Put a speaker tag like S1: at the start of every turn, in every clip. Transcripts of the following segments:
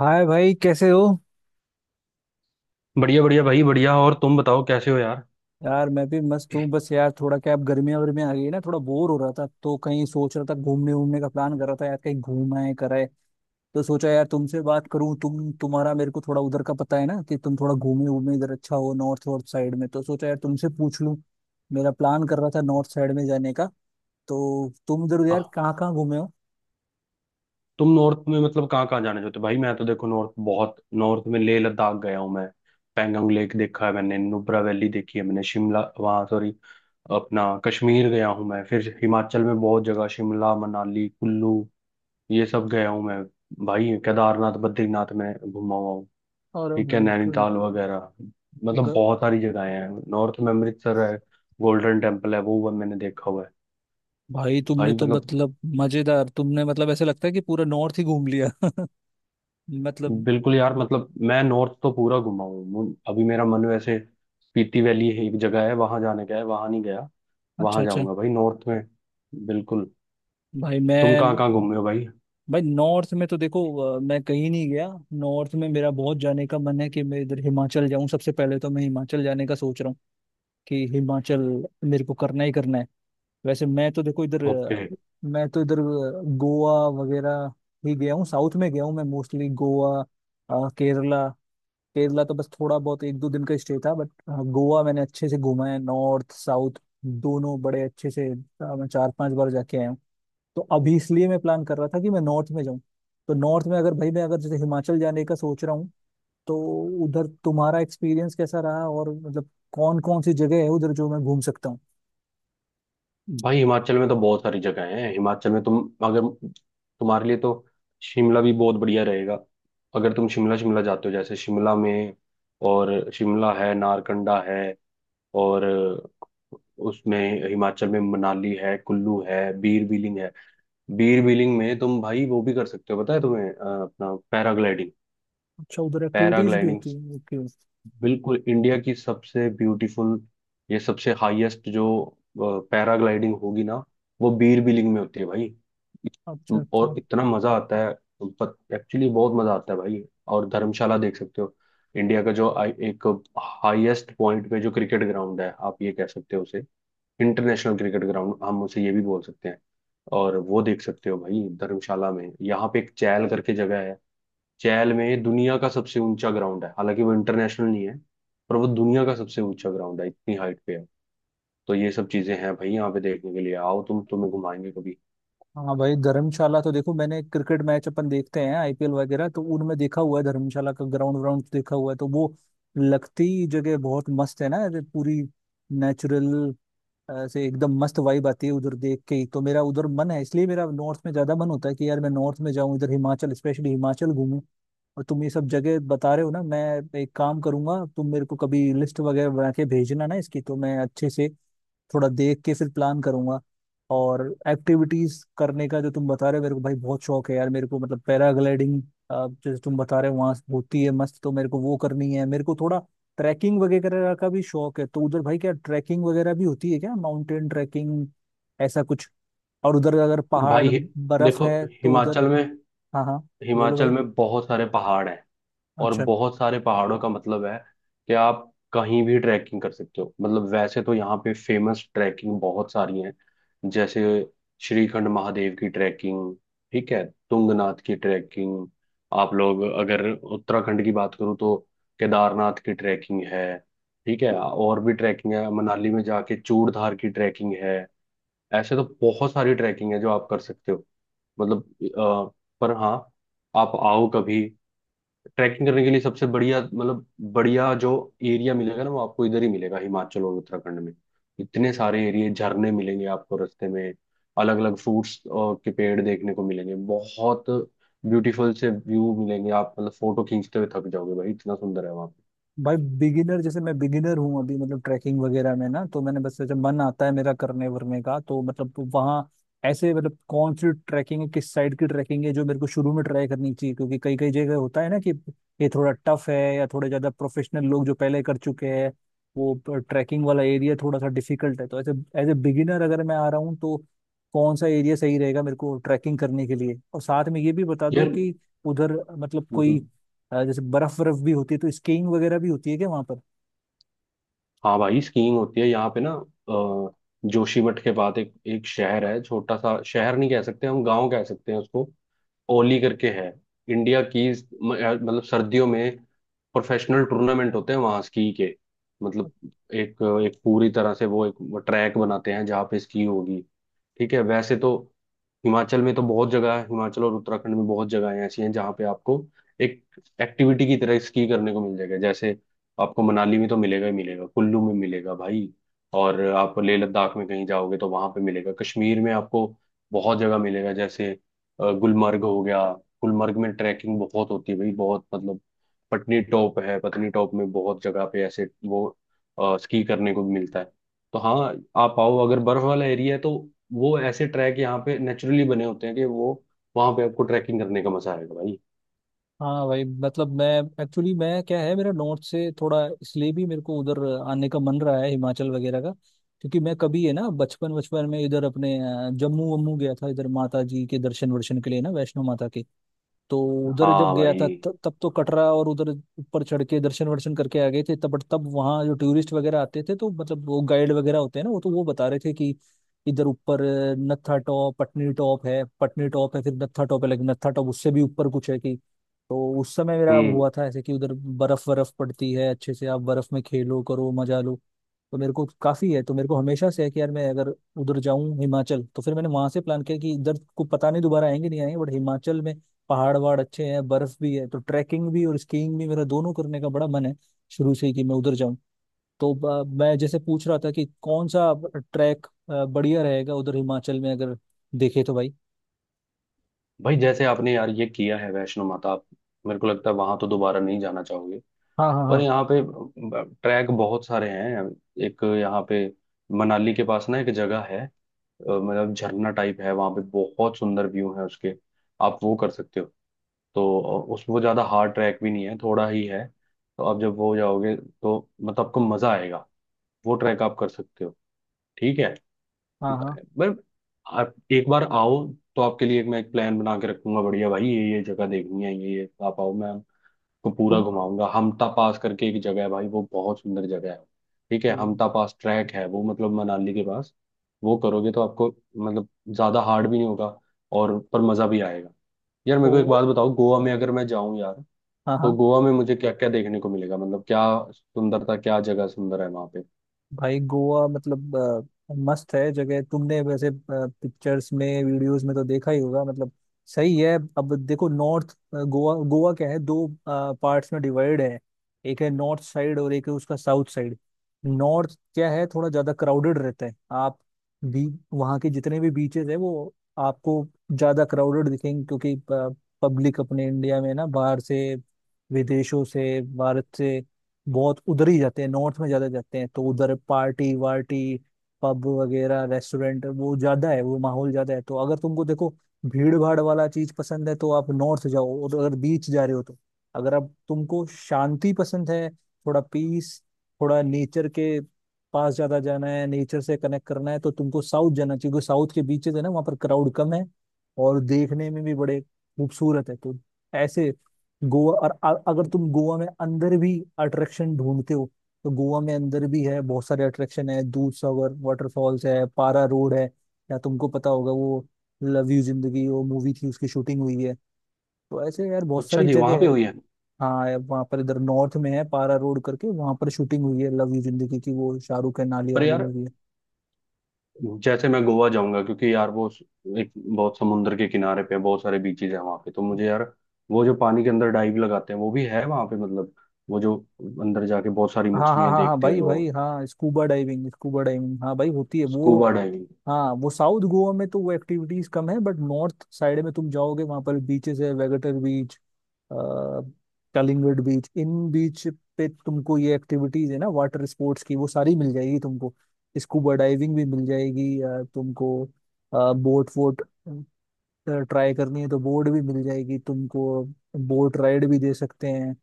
S1: हाय भाई कैसे हो।
S2: बढ़िया बढ़िया भाई बढ़िया। और तुम बताओ कैसे हो यार।
S1: यार मैं भी मस्त हूँ। बस यार थोड़ा क्या, अब गर्मियाँ वर्मियाँ आ गई ना, थोड़ा बोर हो रहा था तो कहीं सोच रहा था घूमने वूमने का प्लान कर रहा था। यार कहीं घूम आए कराए तो सोचा यार तुमसे बात करूँ। तुम्हारा मेरे को थोड़ा उधर का पता है ना, कि तुम थोड़ा घूमे वूमे इधर, अच्छा हो नॉर्थ वॉर्थ साइड में, तो सोचा यार तुमसे पूछ लूँ। मेरा प्लान कर रहा था नॉर्थ साइड में जाने का। तो तुम इधर यार
S2: हाँ,
S1: कहाँ कहाँ घूमे हो?
S2: तुम नॉर्थ में मतलब कहाँ कहाँ जाने चाहते हो भाई? मैं तो देखो नॉर्थ बहुत, नॉर्थ में लेह लद्दाख गया हूँ मैं। पैंगोंग लेक देखा है मैंने, नुब्रा वैली देखी है मैंने, शिमला, वहाँ सॉरी अपना कश्मीर गया हूँ मैं। फिर हिमाचल में बहुत जगह, शिमला मनाली कुल्लू, ये सब गया हूँ मैं भाई। केदारनाथ बद्रीनाथ में घुमा हुआ हूँ।
S1: और
S2: ठीक है,
S1: भाई ग,
S2: नैनीताल वगैरह, मतलब
S1: ग,
S2: बहुत सारी जगहें हैं नॉर्थ में। अमृतसर है, गोल्डन टेम्पल है, वो मैंने देखा हुआ है
S1: भाई तुमने
S2: भाई।
S1: तो,
S2: मतलब
S1: मतलब मजेदार, तुमने मतलब ऐसे लगता है कि पूरा नॉर्थ ही घूम लिया मतलब।
S2: बिल्कुल यार, मतलब मैं नॉर्थ तो पूरा घुमा हूँ। अभी मेरा मन वैसे, पीती वैली है एक जगह, है वहां जाने का, है वहां नहीं गया।
S1: अच्छा
S2: वहां
S1: अच्छा।
S2: जाऊंगा भाई, नॉर्थ में बिल्कुल।
S1: भाई
S2: तुम
S1: मैं,
S2: कहाँ कहाँ घूमे हो भाई?
S1: भाई नॉर्थ में तो देखो मैं कहीं नहीं गया। नॉर्थ में मेरा बहुत जाने का मन है कि मैं इधर हिमाचल जाऊं, सबसे पहले तो मैं हिमाचल जाने का सोच रहा हूँ कि हिमाचल मेरे को करना ही करना है। वैसे मैं तो देखो इधर
S2: ओके।
S1: मैं तो इधर गोवा वगैरह ही गया हूँ। साउथ में गया हूँ मैं, मोस्टली गोवा, केरला। केरला तो बस थोड़ा बहुत एक दो दिन का स्टे था, बट हाँ, गोवा मैंने अच्छे से घूमा है, नॉर्थ साउथ दोनों बड़े अच्छे से, मैं चार पांच बार जाके आया हूँ। तो अभी इसलिए मैं प्लान कर रहा था कि मैं नॉर्थ में जाऊँ। तो नॉर्थ में अगर, भाई मैं अगर जैसे हिमाचल जाने का सोच रहा हूँ, तो उधर तुम्हारा एक्सपीरियंस कैसा रहा और मतलब कौन कौन सी जगह है उधर जो मैं घूम सकता हूँ?
S2: भाई हिमाचल में तो बहुत सारी जगह हैं। हिमाचल में तुम, अगर, तुम्हारे लिए तो शिमला भी बहुत बढ़िया रहेगा। अगर तुम शिमला शिमला जाते हो, जैसे शिमला में, और शिमला है, नारकंडा है, और उसमें हिमाचल में मनाली है, कुल्लू है, बीर बिलिंग है। बीर बिलिंग में तुम भाई वो भी कर सकते हो, पता है तुम्हें, अपना पैराग्लाइडिंग।
S1: अच्छा, उधर एक्टिविटीज भी
S2: पैराग्लाइडिंग
S1: होती है, ओके।
S2: बिल्कुल इंडिया की सबसे ब्यूटीफुल, ये सबसे हाईएस्ट जो पैराग्लाइडिंग होगी ना, वो बीर बिलिंग में होती है भाई।
S1: अच्छा
S2: और
S1: अच्छा।
S2: इतना मजा आता है, एक्चुअली बहुत मजा आता है भाई। और धर्मशाला देख सकते हो। इंडिया का जो एक हाईएस्ट पॉइंट पे जो क्रिकेट ग्राउंड है, आप ये कह सकते हो उसे, इंटरनेशनल क्रिकेट ग्राउंड हम उसे ये भी बोल सकते हैं। और वो देख सकते हो भाई धर्मशाला में। यहाँ पे एक चैल करके जगह है, चैल में दुनिया का सबसे ऊंचा ग्राउंड है, हालांकि वो इंटरनेशनल नहीं है, पर वो दुनिया का सबसे ऊंचा ग्राउंड है, इतनी हाइट पे है। तो ये सब चीजें हैं भाई यहाँ पे देखने के लिए। आओ तुम, तुम्हें घुमाएंगे कभी।
S1: हाँ भाई, धर्मशाला तो देखो मैंने, क्रिकेट मैच अपन देखते हैं आईपीएल वगैरह तो उनमें देखा हुआ है धर्मशाला का ग्राउंड व्राउंड देखा हुआ है। तो वो लगती जगह बहुत मस्त है ना ऐसे, पूरी नेचुरल, ऐसे एकदम मस्त वाइब आती है उधर देख के ही। तो मेरा उधर मन है, इसलिए मेरा नॉर्थ में ज्यादा मन होता है कि यार मैं नॉर्थ में जाऊं इधर, हिमाचल स्पेशली हिमाचल घूमूं। और तुम ये सब जगह बता रहे हो ना, मैं एक काम करूंगा, तुम मेरे को कभी लिस्ट वगैरह बना के भेजना ना इसकी, तो मैं अच्छे से थोड़ा देख के फिर प्लान करूंगा। और एक्टिविटीज करने का जो तुम बता रहे हो, मेरे को भाई बहुत शौक है यार मेरे को, मतलब पैराग्लाइडिंग जैसे तुम बता रहे हो वहां होती है मस्त, तो मेरे को वो करनी है। मेरे को थोड़ा ट्रैकिंग वगैरह का भी शौक है, तो उधर भाई क्या ट्रैकिंग वगैरह भी होती है क्या, माउंटेन ट्रैकिंग ऐसा कुछ? और उधर अगर
S2: भाई
S1: पहाड़
S2: हि-
S1: बर्फ
S2: देखो
S1: है तो उधर।
S2: हिमाचल में,
S1: हाँ हाँ, बोलो
S2: हिमाचल
S1: भाई।
S2: में बहुत सारे पहाड़ हैं, और
S1: अच्छा।
S2: बहुत सारे पहाड़ों का मतलब है कि आप कहीं भी ट्रैकिंग कर सकते हो। मतलब वैसे तो यहाँ पे फेमस ट्रैकिंग बहुत सारी हैं, जैसे श्रीखंड महादेव की ट्रैकिंग, ठीक है, तुंगनाथ की ट्रैकिंग, आप लोग अगर उत्तराखंड की बात करूँ तो केदारनाथ की ट्रैकिंग है, ठीक है, और भी ट्रैकिंग है, मनाली में जाके चूड़धार की ट्रैकिंग है। ऐसे तो बहुत सारी ट्रैकिंग है जो आप कर सकते हो। मतलब अ, पर हाँ, आप आओ कभी। ट्रैकिंग करने के लिए सबसे बढ़िया, मतलब बढ़िया जो एरिया मिलेगा ना, वो आपको इधर ही मिलेगा, हिमाचल और उत्तराखंड में। इतने सारे एरिया, झरने मिलेंगे आपको रास्ते में, अलग अलग फ्रूट्स के पेड़ देखने को मिलेंगे, बहुत ब्यूटीफुल से व्यू मिलेंगे। आप मतलब फोटो खींचते हुए थक जाओगे भाई, इतना सुंदर है वहाँ पे।
S1: भाई बिगिनर, जैसे मैं बिगिनर हूँ अभी मतलब ट्रैकिंग वगैरह में ना, तो मैंने बस जब मन आता है मेरा करने वरने का, तो मतलब वहाँ ऐसे, मतलब कौन सी ट्रैकिंग है, किस साइड की ट्रैकिंग है जो मेरे को शुरू में ट्राई करनी चाहिए? क्योंकि कई कई जगह होता है ना कि ये थोड़ा टफ है या थोड़े ज्यादा प्रोफेशनल लोग जो पहले कर चुके हैं, वो ट्रैकिंग वाला एरिया थोड़ा सा डिफिकल्ट है। तो ऐसे एज ए बिगिनर अगर मैं आ रहा हूँ तो कौन सा एरिया सही रहेगा मेरे को ट्रैकिंग करने के लिए? और साथ में ये भी बता दो
S2: यार
S1: कि उधर मतलब कोई
S2: हम्म,
S1: जैसे बर्फ बर्फ भी होती है तो स्कीइंग वगैरह भी होती है क्या वहाँ पर?
S2: हाँ भाई स्कीइंग होती है यहाँ पे ना। अ, जोशीमठ के बाद एक एक शहर है, छोटा सा शहर नहीं कह सकते, हम गांव कह सकते हैं उसको, ओली करके है। इंडिया की मतलब सर्दियों में प्रोफेशनल टूर्नामेंट होते हैं वहाँ स्की के। मतलब एक एक पूरी तरह से वो एक वो ट्रैक बनाते हैं जहाँ पे स्की होगी। ठीक है। वैसे तो हिमाचल में तो बहुत जगह है, हिमाचल और उत्तराखंड में बहुत जगहें ऐसी हैं जहाँ पे आपको एक एक्टिविटी की तरह स्की करने को मिल जाएगा। जैसे आपको मनाली में तो मिलेगा ही मिलेगा, कुल्लू में मिलेगा भाई, और आप लेह लद्दाख में कहीं जाओगे तो वहां पे मिलेगा, कश्मीर में आपको बहुत जगह मिलेगा। जैसे गुलमर्ग हो गया, गुलमर्ग में ट्रैकिंग बहुत होती है भाई, बहुत मतलब। पटनी टॉप है, पटनी टॉप में बहुत जगह पे ऐसे वो स्की करने को मिलता है। तो हाँ, आप आओ। अगर बर्फ वाला एरिया है तो वो ऐसे ट्रैक यहाँ पे नेचुरली बने होते हैं कि वो वहां पे आपको ट्रैकिंग करने का मजा आएगा भाई।
S1: हाँ भाई, मतलब मैं एक्चुअली, मैं क्या है मेरा नॉर्थ से थोड़ा इसलिए भी मेरे को उधर आने का मन रहा है हिमाचल वगैरह का। क्योंकि मैं कभी है ना बचपन बचपन में इधर अपने जम्मू वम्मू गया था इधर, माता जी के दर्शन वर्शन के लिए ना, वैष्णो माता के। तो उधर
S2: हाँ
S1: जब गया था
S2: भाई।
S1: तब तो कटरा, और उधर ऊपर चढ़ के दर्शन वर्शन करके आ गए थे तब। बट तब वहाँ जो टूरिस्ट वगैरह आते थे तो मतलब वो गाइड वगैरह होते हैं ना, वो तो वो बता रहे थे कि इधर ऊपर नत्था टॉप पटनी टॉप है, पटनी टॉप है फिर नत्था टॉप है, लेकिन नत्था टॉप उससे भी ऊपर कुछ है। कि तो उस समय मेरा
S2: हम्म।
S1: हुआ था ऐसे कि उधर बर्फ बर्फ पड़ती है अच्छे से, आप बर्फ में खेलो करो मजा लो। तो मेरे को काफी है, तो मेरे को हमेशा से है कि यार मैं अगर उधर जाऊं हिमाचल। तो फिर मैंने वहां से प्लान किया कि इधर को पता नहीं दोबारा आएंगे नहीं आएंगे, बट हिमाचल में पहाड़ वहाड़ अच्छे हैं, बर्फ भी है तो ट्रैकिंग भी और स्कीइंग भी, मेरा दोनों करने का बड़ा मन है शुरू से ही कि मैं उधर जाऊं। तो मैं जैसे पूछ रहा था कि कौन सा ट्रैक बढ़िया रहेगा उधर हिमाचल में अगर देखे तो, भाई?
S2: भाई जैसे आपने यार ये किया है वैष्णो माता, आप, मेरे को लगता है वहां तो दोबारा नहीं जाना चाहोगे।
S1: हाँ हाँ
S2: पर
S1: हाँ
S2: यहाँ पे ट्रैक बहुत सारे हैं। एक यहाँ पे मनाली के पास ना एक जगह है, मतलब झरना टाइप है, वहां पे बहुत सुंदर व्यू है उसके। आप वो कर सकते हो। तो उसमें वो ज़्यादा हार्ड ट्रैक भी नहीं है, थोड़ा ही है, तो आप जब वो हो जाओगे तो मतलब आपको मज़ा आएगा। वो ट्रैक आप कर सकते हो। ठीक है,
S1: हाँ हाँ।
S2: पर आप एक बार आओ, तो आपके लिए एक, मैं एक प्लान बना के रखूंगा बढ़िया भाई, ये जगह देखनी है, ये, आप आओ, मैं आपको पूरा
S1: तुम।
S2: घुमाऊंगा। हमटा पास करके एक जगह है भाई, वो बहुत सुंदर जगह है। ठीक है,
S1: ठीक।
S2: हमटा पास ट्रैक है वो, मतलब मनाली के पास। वो करोगे तो आपको मतलब ज़्यादा हार्ड भी नहीं होगा, और पर मज़ा भी आएगा। यार मेरे को एक
S1: तो
S2: बात बताओ, गोवा में अगर मैं जाऊं यार,
S1: हाँ
S2: तो
S1: हाँ।
S2: गोवा में मुझे क्या क्या देखने को मिलेगा? मतलब क्या सुंदरता, क्या जगह सुंदर है वहां पे?
S1: भाई गोवा मतलब मस्त है जगह, तुमने वैसे पिक्चर्स में वीडियोस में तो देखा ही होगा मतलब, सही है। अब देखो नॉर्थ गोवा, गोवा क्या है दो पार्ट्स में डिवाइड है, एक है नॉर्थ साइड और एक है उसका साउथ साइड। नॉर्थ क्या है थोड़ा ज्यादा क्राउडेड रहता है, आप भी वहाँ के जितने भी बीचेस है वो आपको ज्यादा क्राउडेड दिखेंगे, क्योंकि पब्लिक अपने इंडिया में ना बाहर से विदेशों से भारत से बहुत उधर ही जाते हैं, नॉर्थ में ज्यादा जाते हैं, तो उधर पार्टी वार्टी पब वगैरह रेस्टोरेंट वो ज्यादा है, वो माहौल ज्यादा है। तो अगर तुमको देखो भीड़ भाड़ वाला चीज पसंद है तो आप नॉर्थ जाओ, और अगर बीच जा रहे हो तो, अगर आप, तुमको शांति पसंद है, थोड़ा पीस, थोड़ा नेचर के पास ज्यादा जाना है, नेचर से कनेक्ट करना है, तो तुमको साउथ जाना चाहिए, क्योंकि साउथ के बीचेस है ना वहाँ पर क्राउड कम है और देखने में भी बड़े खूबसूरत है। तो ऐसे गोवा, और अगर तुम गोवा में अंदर भी अट्रैक्शन ढूंढते हो तो गोवा में अंदर भी है, बहुत सारे अट्रैक्शन है, दूध सागर वाटरफॉल्स है, पारा रोड है, या तुमको पता होगा वो लव यू जिंदगी वो मूवी थी उसकी शूटिंग हुई है। तो ऐसे यार बहुत
S2: अच्छा
S1: सारी
S2: जी, वहां
S1: जगह
S2: पे
S1: है।
S2: हुई है?
S1: हाँ यार, वहाँ पर इधर नॉर्थ में है पारा रोड करके, वहाँ पर शूटिंग हुई है लव यू जिंदगी की, वो शाहरुख है नालिया
S2: पर
S1: वाली
S2: यार
S1: मूवी है।
S2: जैसे मैं गोवा जाऊंगा, क्योंकि यार वो एक बहुत समुद्र के किनारे पे बहुत सारे बीचेज हैं वहां पे, तो मुझे यार वो जो पानी के अंदर डाइव लगाते हैं वो भी है वहां पे, मतलब वो जो अंदर जाके बहुत सारी
S1: हाँ हाँ
S2: मछलियां
S1: हाँ हाँ
S2: देखते हैं
S1: भाई भाई,
S2: लोग,
S1: हाँ स्कूबा डाइविंग, स्कूबा डाइविंग, हाँ भाई होती है वो।
S2: Scuba diving.
S1: हाँ वो साउथ गोवा में तो वो एक्टिविटीज कम है, बट नॉर्थ साइड में तुम जाओगे वहां पर बीचेस है, वेगेटर बीच, कलिंगड बीच, इन बीच पे तुमको ये एक्टिविटीज है ना वाटर स्पोर्ट्स की वो सारी मिल जाएगी तुमको। स्कूबा डाइविंग भी मिल जाएगी, तुमको बोट वोट ट्राई करनी है तो बोर्ड भी मिल जाएगी तुमको, बोट राइड भी दे सकते हैं।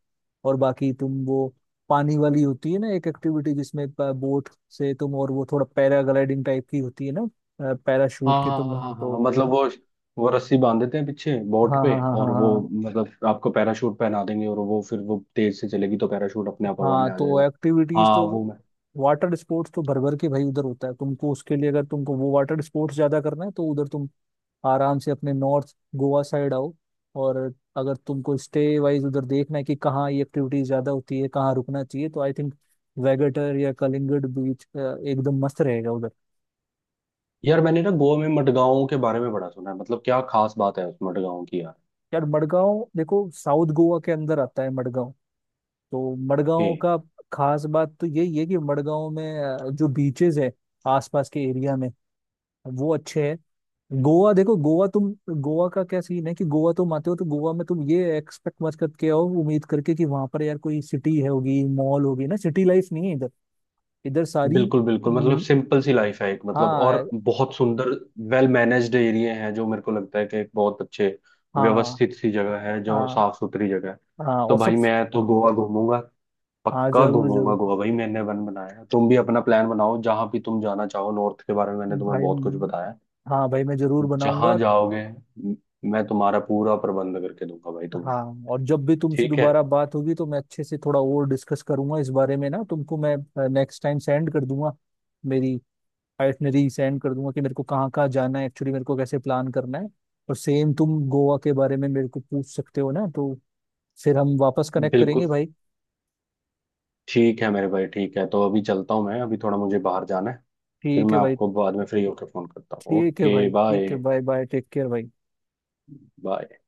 S1: और बाकी तुम वो पानी वाली होती है ना एक एक्टिविटी जिसमें बोट से तुम, और वो थोड़ा पैराग्लाइडिंग टाइप की होती है ना, पैराशूट
S2: हाँ
S1: के
S2: हाँ
S1: तुम,
S2: हाँ हाँ
S1: हाँ,
S2: हाँ, हाँ,
S1: तो।
S2: मतलब वो रस्सी बांध देते हैं पीछे बोट
S1: हाँ
S2: पे,
S1: हाँ हाँ हाँ
S2: और वो
S1: हाँ।
S2: मतलब आपको पैराशूट पहना देंगे और वो फिर वो तेज से चलेगी तो पैराशूट अपने आप हवा में
S1: हाँ
S2: आ
S1: तो
S2: जाएगा।
S1: एक्टिविटीज
S2: हाँ
S1: तो
S2: वो मैं,
S1: वाटर स्पोर्ट्स तो भर भर के भाई उधर होता है। तुमको उसके लिए अगर तुमको वो वाटर स्पोर्ट्स ज्यादा करना है तो उधर तुम आराम से अपने नॉर्थ गोवा साइड आओ। और अगर तुमको स्टे वाइज उधर देखना है कि कहाँ ये एक्टिविटीज ज्यादा होती है, कहाँ रुकना चाहिए, तो आई थिंक वेगेटर या कलिंगड बीच एकदम मस्त रहेगा उधर।
S2: यार मैंने ना गोवा में मडगांव के बारे में बड़ा सुना है, मतलब क्या खास बात है उस मडगांव की यार?
S1: यार मडगांव देखो साउथ गोवा के अंदर आता है मडगांव। तो मडगांव
S2: कि
S1: का खास बात तो यही है कि मडगांव में जो बीचेस है आसपास के एरिया में वो अच्छे हैं। गोवा देखो, गोवा तुम, गोवा का क्या सीन है कि गोवा तुम आते हो तो गोवा में तुम ये एक्सपेक्ट मत करके आओ, उम्मीद करके कि वहां पर यार कोई सिटी है होगी मॉल होगी, ना सिटी लाइफ नहीं है इधर। इधर सारी।
S2: बिल्कुल बिल्कुल, मतलब
S1: हम्म,
S2: सिंपल सी लाइफ है एक, मतलब
S1: हाँ।
S2: और बहुत सुंदर वेल मैनेज्ड एरिया है, जो मेरे को लगता है कि एक बहुत अच्छे
S1: हाँ
S2: व्यवस्थित सी जगह है, जो
S1: हाँ
S2: साफ सुथरी जगह है।
S1: हाँ,
S2: तो
S1: और सब।
S2: भाई मैं तो गोवा घूमूंगा,
S1: हाँ
S2: पक्का
S1: जरूर
S2: घूमूंगा
S1: जरूर
S2: गोवा भाई, मैंने वन बनाया है। तुम भी अपना प्लान बनाओ, जहां भी तुम जाना चाहो, नॉर्थ के बारे में मैंने तुम्हें
S1: भाई।
S2: बहुत कुछ बताया है।
S1: हाँ भाई मैं जरूर
S2: जहां
S1: बनाऊंगा।
S2: जाओगे म- मैं तुम्हारा पूरा प्रबंध करके दूंगा भाई तुम्हें।
S1: हाँ, और जब भी तुमसे
S2: ठीक है।
S1: दोबारा बात होगी तो मैं अच्छे से थोड़ा और डिस्कस करूंगा इस बारे में ना तुमको, मैं नेक्स्ट टाइम सेंड कर दूंगा, मेरी आइटनरी सेंड कर दूंगा कि मेरे को कहाँ कहाँ जाना है, एक्चुअली मेरे को कैसे प्लान करना है। और सेम तुम गोवा के बारे में मेरे को पूछ सकते हो ना, तो फिर हम वापस कनेक्ट करेंगे
S2: बिल्कुल
S1: भाई।
S2: ठीक है मेरे भाई, ठीक है तो अभी चलता हूँ मैं, अभी थोड़ा मुझे बाहर जाना है। फिर
S1: ठीक है
S2: मैं
S1: भाई,
S2: आपको बाद में फ्री होकर फोन करता हूँ।
S1: ठीक है भाई,
S2: ओके बाय।
S1: ठीक है, बाय बाय, टेक केयर भाई।
S2: बाय।